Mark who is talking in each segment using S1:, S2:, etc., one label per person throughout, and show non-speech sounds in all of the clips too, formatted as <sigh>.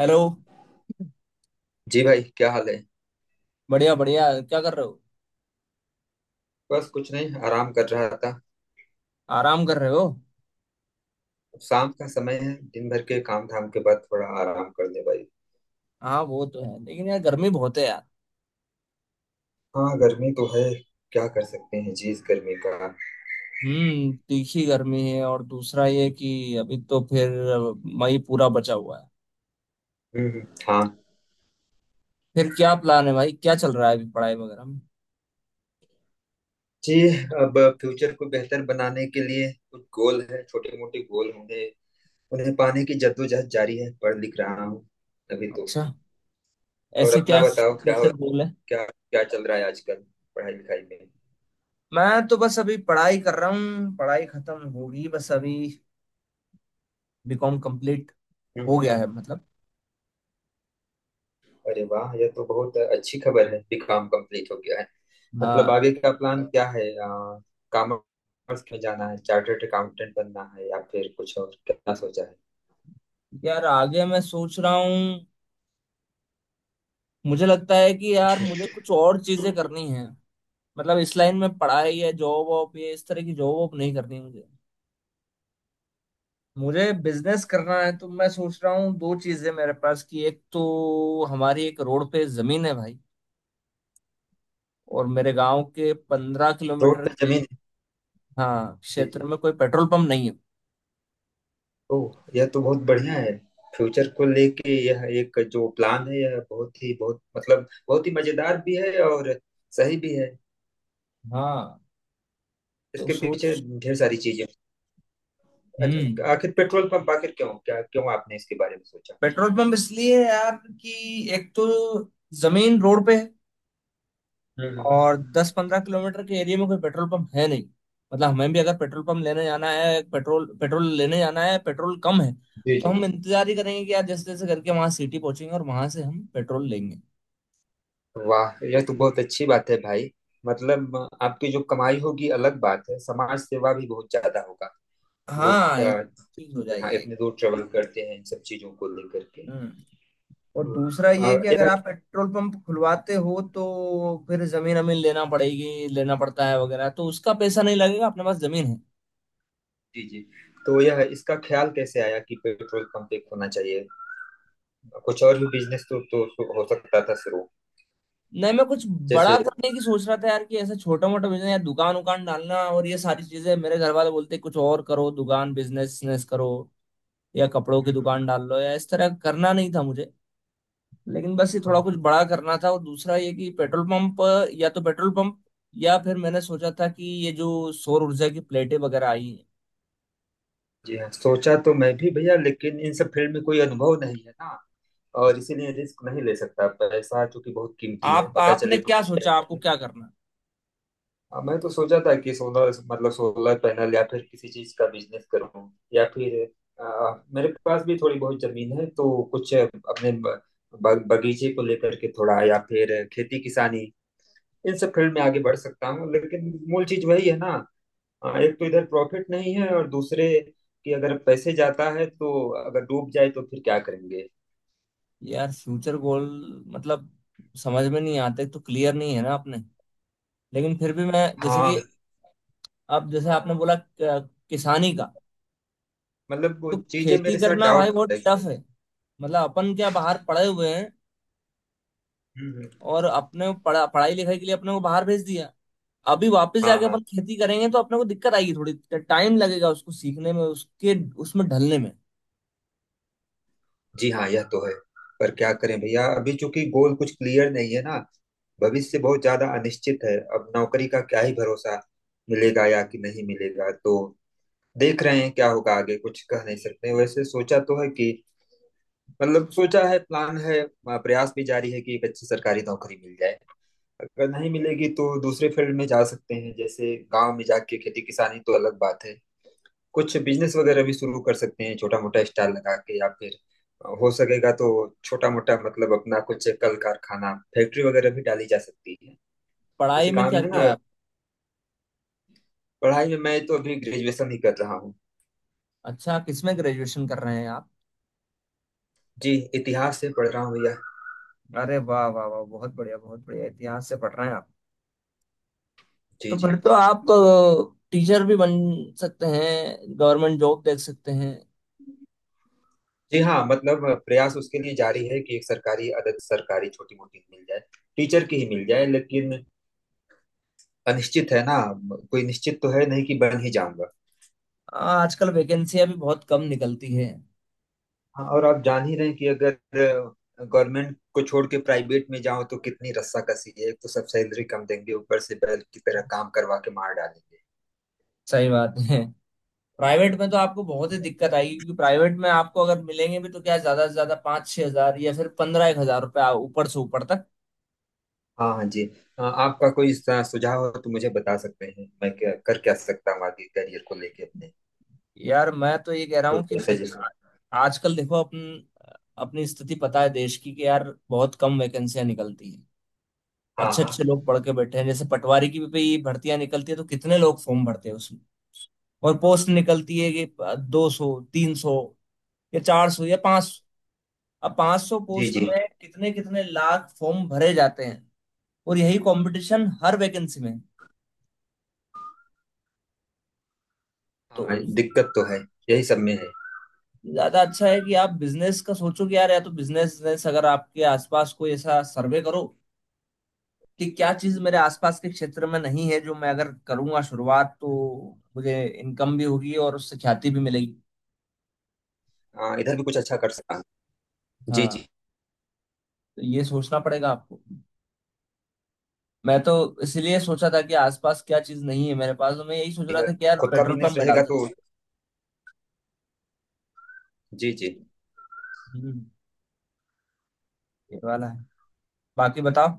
S1: Hello.
S2: जी भाई क्या हाल है।
S1: बढ़िया बढ़िया, क्या कर रहे हो?
S2: बस कुछ नहीं आराम कर रहा था।
S1: आराम कर रहे हो।
S2: अब शाम का समय है। दिन भर के काम धाम के बाद थोड़ा आराम कर ले भाई।
S1: हाँ वो तो है, लेकिन यार गर्मी बहुत है यार।
S2: हाँ गर्मी तो है। क्या कर सकते हैं जी इस गर्मी का।
S1: हम्म, तीखी गर्मी है। और दूसरा ये कि अभी तो फिर मई पूरा बचा हुआ है।
S2: हम्म हम्म, हाँ।
S1: फिर क्या प्लान है भाई? क्या चल रहा है अभी पढ़ाई वगैरह में?
S2: जी। अब फ्यूचर को बेहतर बनाने के लिए कुछ गोल है, छोटे मोटे गोल होंगे। उन्हें पाने की जद्दोजहद जारी है, पढ़ लिख रहा हूँ अभी तो।
S1: अच्छा,
S2: और
S1: ऐसे
S2: अपना
S1: क्या
S2: बताओ क्या हो,
S1: फ्यूचर गोल है?
S2: क्या क्या चल रहा है आजकल पढ़ाई लिखाई में।
S1: मैं तो बस अभी पढ़ाई कर रहा हूँ। पढ़ाई खत्म होगी बस अभी। बीकॉम कंप्लीट
S2: हम्म
S1: हो
S2: हम्म।
S1: गया है मतलब।
S2: अरे वाह, यह तो बहुत अच्छी खबर है, बीकॉम कंप्लीट हो गया है मतलब।
S1: हाँ।
S2: आगे का प्लान क्या है, कॉमर्स में जाना है, चार्टर्ड अकाउंटेंट बनना है या फिर कुछ और क्या सोचा है।
S1: यार आगे मैं सोच रहा हूँ, मुझे लगता है कि यार मुझे कुछ और चीजें करनी है। मतलब इस लाइन में पढ़ाई है, जॉब वॉब, ये इस तरह की जॉब वॉब नहीं करनी मुझे। मुझे बिजनेस करना है। तो मैं सोच रहा हूँ, दो चीजें मेरे पास कि एक तो हमारी एक रोड पे जमीन है भाई, और मेरे गांव के पंद्रह
S2: <laughs> रोड
S1: किलोमीटर
S2: पे
S1: के।
S2: जमीन।
S1: हाँ,
S2: जी
S1: क्षेत्र
S2: जी।
S1: में कोई पेट्रोल पंप नहीं है।
S2: ओह, यह तो बहुत बढ़िया है। फ्यूचर को लेके यह एक जो प्लान है, यह बहुत ही बहुत मतलब बहुत ही मजेदार भी है और सही भी है
S1: हाँ तो
S2: इसके पीछे
S1: सोच।
S2: ढेर सारी चीजें।
S1: हम्म।
S2: अच्छा, आखिर पेट्रोल पंप आखिर क्यों, क्या क्यों आपने इसके बारे में सोचा।
S1: पेट्रोल पंप इसलिए है यार कि एक तो जमीन रोड पे है।
S2: हम्म हम्म, हम्म।
S1: और 10 15 किलोमीटर के एरिया में कोई पेट्रोल पंप है नहीं। मतलब हमें भी अगर पेट्रोल पंप लेने जाना है, पेट्रोल पेट्रोल लेने जाना है, पेट्रोल कम है,
S2: जी
S1: तो
S2: जी।
S1: हम इंतजार ही करेंगे कि यार जैसे जैसे करके वहां सिटी पहुंचेंगे और वहां से हम पेट्रोल लेंगे।
S2: वाह, यह तो बहुत अच्छी बात है भाई। मतलब आपकी जो कमाई होगी अलग बात है, समाज सेवा भी बहुत ज्यादा होगा। लोग
S1: हाँ, एक चीज हो
S2: हाँ
S1: जाएगी एक।
S2: इतने दूर ट्रेवल करते हैं इन सब चीजों को लेकर के।
S1: हम्म। और
S2: तो
S1: दूसरा ये कि अगर
S2: यह
S1: आप पेट्रोल पंप खुलवाते हो तो फिर जमीन अमीन लेना पड़ेगी, लेना पड़ता है वगैरह, तो उसका पैसा नहीं लगेगा, अपने पास जमीन है।
S2: जी जी। तो यह इसका ख्याल कैसे आया कि पेट्रोल पंप एक होना चाहिए। कुछ और भी बिजनेस तो हो सकता था शुरू,
S1: नहीं, मैं कुछ
S2: जैसे।
S1: बड़ा करने की सोच रहा था यार, कि ऐसा छोटा मोटा बिजनेस या दुकान उकान डालना, और ये सारी चीजें मेरे घर वाले बोलते कुछ और करो, दुकान बिजनेस बिजनेस करो या कपड़ों की दुकान
S2: हम्म।
S1: डाल लो, या इस तरह करना नहीं था मुझे। लेकिन बस ये
S2: हाँ,
S1: थोड़ा कुछ बड़ा करना था। और दूसरा ये कि पेट्रोल पंप, या तो पेट्रोल पंप या फिर मैंने सोचा था कि ये जो सौर ऊर्जा की प्लेटें वगैरह आई हैं।
S2: जी हाँ सोचा तो मैं भी भैया, लेकिन इन सब फील्ड में कोई अनुभव नहीं है ना और इसीलिए रिस्क नहीं ले सकता, पैसा चूंकि बहुत कीमती है,
S1: आप,
S2: पता
S1: आपने
S2: चले डूब
S1: क्या सोचा? आपको
S2: जाए।
S1: क्या करना है?
S2: हाँ, मैं तो सोचा था कि सोलर मतलब सोलर पैनल या फिर किसी चीज का बिजनेस करूं, या फिर मेरे पास भी थोड़ी बहुत जमीन है तो कुछ अपने ब, ब- बगीचे को लेकर के थोड़ा, या फिर खेती किसानी। इन सब फील्ड में आगे बढ़ सकता हूँ लेकिन मूल चीज वही है ना। एक तो इधर प्रॉफिट नहीं है और दूसरे कि अगर पैसे जाता है तो अगर डूब जाए तो फिर क्या करेंगे।
S1: यार फ्यूचर गोल मतलब समझ में नहीं आते, तो क्लियर नहीं है ना आपने। लेकिन फिर भी मैं, जैसे कि
S2: हाँ
S1: अब जैसे आपने बोला किसानी का,
S2: मतलब वो
S1: तो
S2: चीजें
S1: खेती
S2: मेरे साथ
S1: करना भाई
S2: डाउट।
S1: बहुत टफ है। मतलब अपन क्या बाहर पढ़े हुए हैं,
S2: हम्म,
S1: और अपने पढ़ाई लिखाई के लिए अपने को बाहर भेज दिया। अभी वापस
S2: हाँ
S1: जाके
S2: हाँ।
S1: अपन खेती करेंगे तो अपने को दिक्कत आएगी, थोड़ी टाइम लगेगा उसको सीखने में, उसके उसमें ढलने में।
S2: जी हाँ यह तो है। पर क्या करें भैया, अभी चूंकि गोल कुछ क्लियर नहीं है ना। भविष्य बहुत ज्यादा अनिश्चित है, अब नौकरी का क्या ही भरोसा, मिलेगा या कि नहीं मिलेगा तो देख रहे हैं क्या होगा आगे, कुछ कह नहीं सकते। वैसे सोचा तो है कि मतलब सोचा है, प्लान है, प्रयास भी जारी है कि एक अच्छी सरकारी नौकरी मिल जाए। अगर नहीं मिलेगी तो दूसरे फील्ड में जा सकते हैं, जैसे गांव में जाके खेती किसानी तो अलग बात है, कुछ बिजनेस वगैरह भी शुरू कर सकते हैं छोटा मोटा स्टाल लगा के, या फिर हो सकेगा तो छोटा मोटा मतलब अपना कुछ कल कारखाना फैक्ट्री वगैरह भी डाली जा सकती है
S1: पढ़ाई
S2: जैसे
S1: में
S2: काम
S1: क्या
S2: है
S1: किया
S2: ना।
S1: आप?
S2: पढ़ाई में मैं तो अभी ग्रेजुएशन ही कर रहा हूँ।
S1: अच्छा, किसमें ग्रेजुएशन कर रहे हैं आप?
S2: जी इतिहास से पढ़ रहा हूँ भैया।
S1: अरे वाह वाह वाह, बहुत बढ़िया बहुत बढ़िया, इतिहास से पढ़ रहे हैं आप।
S2: जी
S1: तो
S2: जी।
S1: फिर तो आप टीचर भी बन सकते हैं, गवर्नमेंट जॉब देख सकते हैं।
S2: जी हाँ, मतलब प्रयास उसके लिए जारी है कि एक सरकारी अदद सरकारी छोटी मोटी मिल जाए, टीचर की ही मिल जाए, लेकिन अनिश्चित है ना। कोई निश्चित तो है नहीं कि बन ही जाऊंगा।
S1: हाँ, आजकल वैकेंसियां भी बहुत कम निकलती है।
S2: हाँ, और आप जान ही रहे हैं कि अगर गवर्नमेंट को छोड़ के प्राइवेट में जाओ तो कितनी रस्साकसी है, एक तो सब सैलरी कम देंगे, ऊपर से बैल की तरह काम करवा के मार डालेंगे।
S1: सही बात है। प्राइवेट में तो आपको बहुत ही दिक्कत आएगी, क्योंकि प्राइवेट में आपको अगर मिलेंगे भी तो क्या, ज्यादा से ज्यादा 5 6 हज़ार या फिर 15 एक हज़ार रुपये, ऊपर से ऊपर तक।
S2: हाँ हाँ जी। आपका कोई सुझाव हो तो मुझे बता सकते हैं, मैं क्या कर क्या सकता हूँ आगे करियर को लेके अपने,
S1: यार मैं तो ये कह रहा
S2: तो
S1: हूँ कि
S2: कोई सजेशन।
S1: आजकल देखो अपन, अपनी स्थिति पता है देश की कि यार बहुत कम वैकेंसियां निकलती हैं।
S2: हाँ
S1: अच्छे
S2: हाँ
S1: अच्छे लोग पढ़ के बैठे हैं, जैसे पटवारी की भी भर्तियां निकलती है तो कितने लोग फॉर्म भरते हैं उसमें। और पोस्ट निकलती है कि 200 300 या 400 या 500। अब 500
S2: जी
S1: पोस्ट
S2: जी।
S1: में कितने कितने लाख फॉर्म भरे जाते हैं। और यही कंपटीशन हर वैकेंसी में है। तो
S2: हाँ दिक्कत तो है, यही सब में है।
S1: ज्यादा अच्छा है कि आप बिजनेस का सोचो कि यार या तो बिजनेस, बिजनेस अगर आपके आसपास, कोई ऐसा सर्वे करो कि क्या चीज मेरे आसपास के क्षेत्र में नहीं है जो मैं अगर करूंगा शुरुआत तो मुझे इनकम भी होगी और उससे ख्याति भी मिलेगी।
S2: इधर भी कुछ अच्छा कर सकता हूँ। जी
S1: हाँ
S2: जी।
S1: तो ये सोचना पड़ेगा आपको। मैं तो इसलिए सोचा था कि आसपास क्या चीज नहीं है मेरे पास, तो मैं यही सोच रहा था कि यार
S2: खुद का
S1: पेट्रोल
S2: बिजनेस
S1: पंप में डाल
S2: रहेगा तो।
S1: सकता
S2: जी जी।
S1: हूँ। ये वाला है। बाकी बताओ।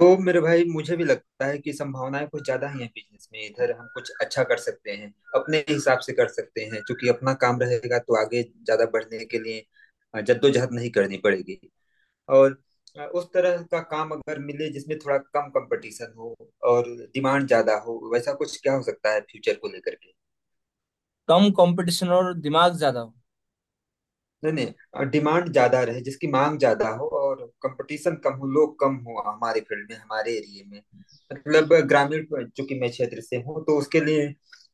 S2: तो मेरे भाई, मुझे भी लगता है कि संभावनाएं कुछ ज्यादा ही हैं बिजनेस में, इधर हम कुछ अच्छा कर सकते हैं अपने हिसाब से कर सकते हैं क्योंकि अपना काम रहेगा तो आगे ज्यादा बढ़ने के लिए जद्दोजहद नहीं करनी पड़ेगी। और उस तरह का काम अगर मिले जिसमें थोड़ा कम कंपटीशन हो और डिमांड ज्यादा हो, वैसा कुछ क्या हो सकता है फ्यूचर को लेकर।
S1: कम कंपटीशन और दिमाग ज्यादा हो,
S2: नहीं नहीं, डिमांड ज्यादा रहे, जिसकी मांग ज्यादा हो और कंपटीशन कम हो, लोग कम हो हमारे फील्ड में हमारे एरिया में, मतलब ग्रामीण चूंकि मैं क्षेत्र से हूँ तो उसके लिए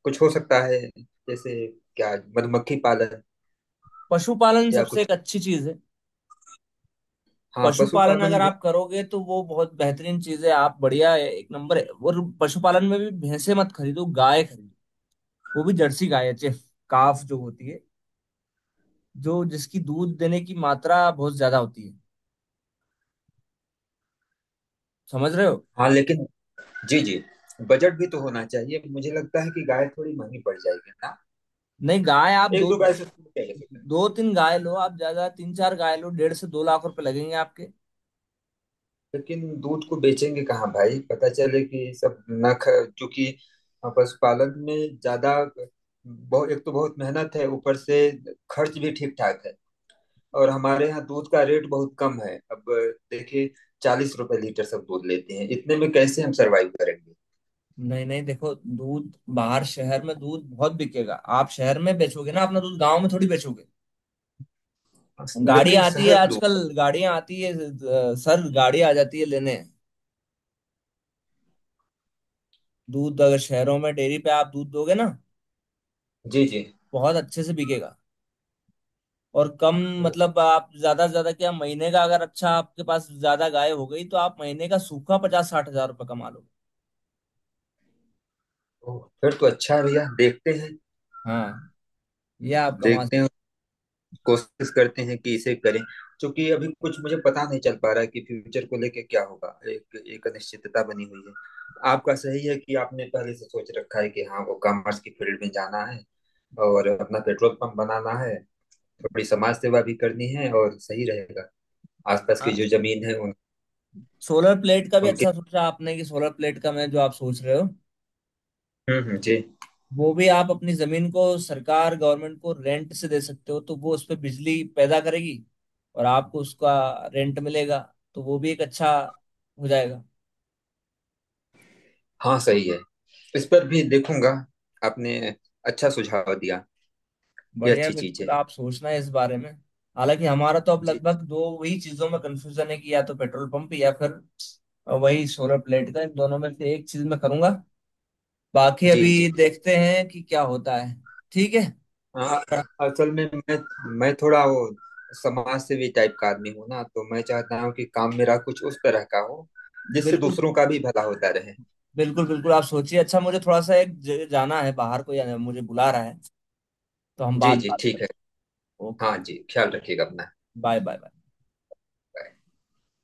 S2: कुछ हो सकता है, जैसे क्या मधुमक्खी पालन
S1: पशुपालन
S2: या
S1: सबसे
S2: कुछ।
S1: एक अच्छी चीज है।
S2: हाँ पशु
S1: पशुपालन अगर
S2: पालन भी।
S1: आप करोगे तो वो बहुत बेहतरीन चीज है, आप बढ़िया है, एक नंबर है। और पशुपालन में भी भैंसे मत खरीदो, गाय खरीदो। वो भी जर्सी गाय है, चेफ काफ जो होती है, जो जिसकी दूध देने की मात्रा बहुत ज्यादा होती है। समझ रहे हो?
S2: हाँ लेकिन जी जी, बजट भी तो होना चाहिए, मुझे लगता है कि गाय थोड़ी महंगी पड़ जाएगी ना।
S1: नहीं, गाय आप
S2: एक
S1: दो,
S2: दो गाय से शुरू किया जा सकता है।
S1: दो तीन गाय लो, आप ज्यादा तीन चार गाय लो, 1.5 से 2 लाख रुपए लगेंगे आपके।
S2: लेकिन दूध को बेचेंगे कहाँ भाई, पता चले कि सब न ख, जो कि पशुपालन में ज्यादा, बहुत एक तो बहुत मेहनत है, ऊपर से खर्च भी ठीक ठाक है, और हमारे यहाँ दूध का रेट बहुत कम है अब देखिए, 40 रुपए लीटर सब दूध लेते हैं, इतने में कैसे हम सरवाइव करेंगे।
S1: नहीं नहीं देखो, दूध बाहर शहर में दूध बहुत बिकेगा। आप शहर में बेचोगे ना अपना दूध, गांव में थोड़ी बेचोगे। गाड़ियां
S2: लेकिन
S1: आती है
S2: शहर दूध
S1: आजकल, गाड़ियां आती है सर गाड़ी आ जाती है लेने। दूध अगर शहरों में डेयरी पे आप दूध दोगे ना,
S2: जी जी।
S1: बहुत अच्छे से बिकेगा। और कम
S2: ओ,
S1: मतलब आप ज्यादा से ज्यादा क्या, महीने का अगर अच्छा आपके पास ज्यादा गाय हो गई तो आप महीने का सूखा 50 60 हज़ार रुपये कमा लोगे।
S2: ओ, फिर तो अच्छा है भैया, देखते हैं,
S1: हाँ, ये आप कमा
S2: देखते हैं, कोशिश करते हैं कि इसे करें, क्योंकि अभी कुछ मुझे पता नहीं चल पा रहा है कि फ्यूचर को लेके क्या होगा, एक एक अनिश्चितता बनी हुई है। आपका सही है कि आपने पहले से सोच रखा है कि हाँ वो कॉमर्स की फील्ड में जाना है और अपना पेट्रोल पंप बनाना है, थोड़ी समाज सेवा भी करनी है और सही रहेगा, आसपास
S1: सकते हैं।
S2: की
S1: हाँ,
S2: जो जमीन है
S1: सोलर प्लेट का भी
S2: उनके।
S1: अच्छा सोचा आपने। कि सोलर प्लेट का मैं जो आप सोच रहे हो,
S2: जी।
S1: वो भी आप अपनी जमीन को सरकार गवर्नमेंट को रेंट से दे सकते हो, तो वो उस पर बिजली पैदा करेगी और आपको उसका रेंट मिलेगा। तो वो भी एक अच्छा हो जाएगा।
S2: हाँ सही है, इस पर भी देखूंगा। आपने अच्छा सुझाव दिया, ये
S1: बढ़िया,
S2: अच्छी चीज
S1: बिल्कुल
S2: है।
S1: आप सोचना है इस बारे में। हालांकि हमारा तो अब
S2: जी
S1: लगभग दो वही चीजों में कंफ्यूजन है कि या तो पेट्रोल पंप या फिर वही सोलर प्लेट का, इन दोनों में से एक चीज मैं करूंगा। बाकी
S2: जी।
S1: अभी
S2: जी
S1: देखते हैं कि क्या होता है। ठीक है।
S2: हाँ असल में मैं थोड़ा वो समाज सेवी टाइप का आदमी हूँ ना, तो मैं चाहता हूँ कि काम मेरा कुछ उस तरह का हो जिससे
S1: बिल्कुल
S2: दूसरों का भी भला होता रहे।
S1: बिल्कुल बिल्कुल आप सोचिए। अच्छा, मुझे थोड़ा सा एक जाना है बाहर, कोई मुझे बुला रहा है, तो हम
S2: जी
S1: बाद में
S2: जी
S1: बात
S2: ठीक
S1: करते
S2: है।
S1: हैं।
S2: हाँ
S1: ओके।
S2: जी, ख्याल रखिएगा अपना।
S1: Bye bye bye.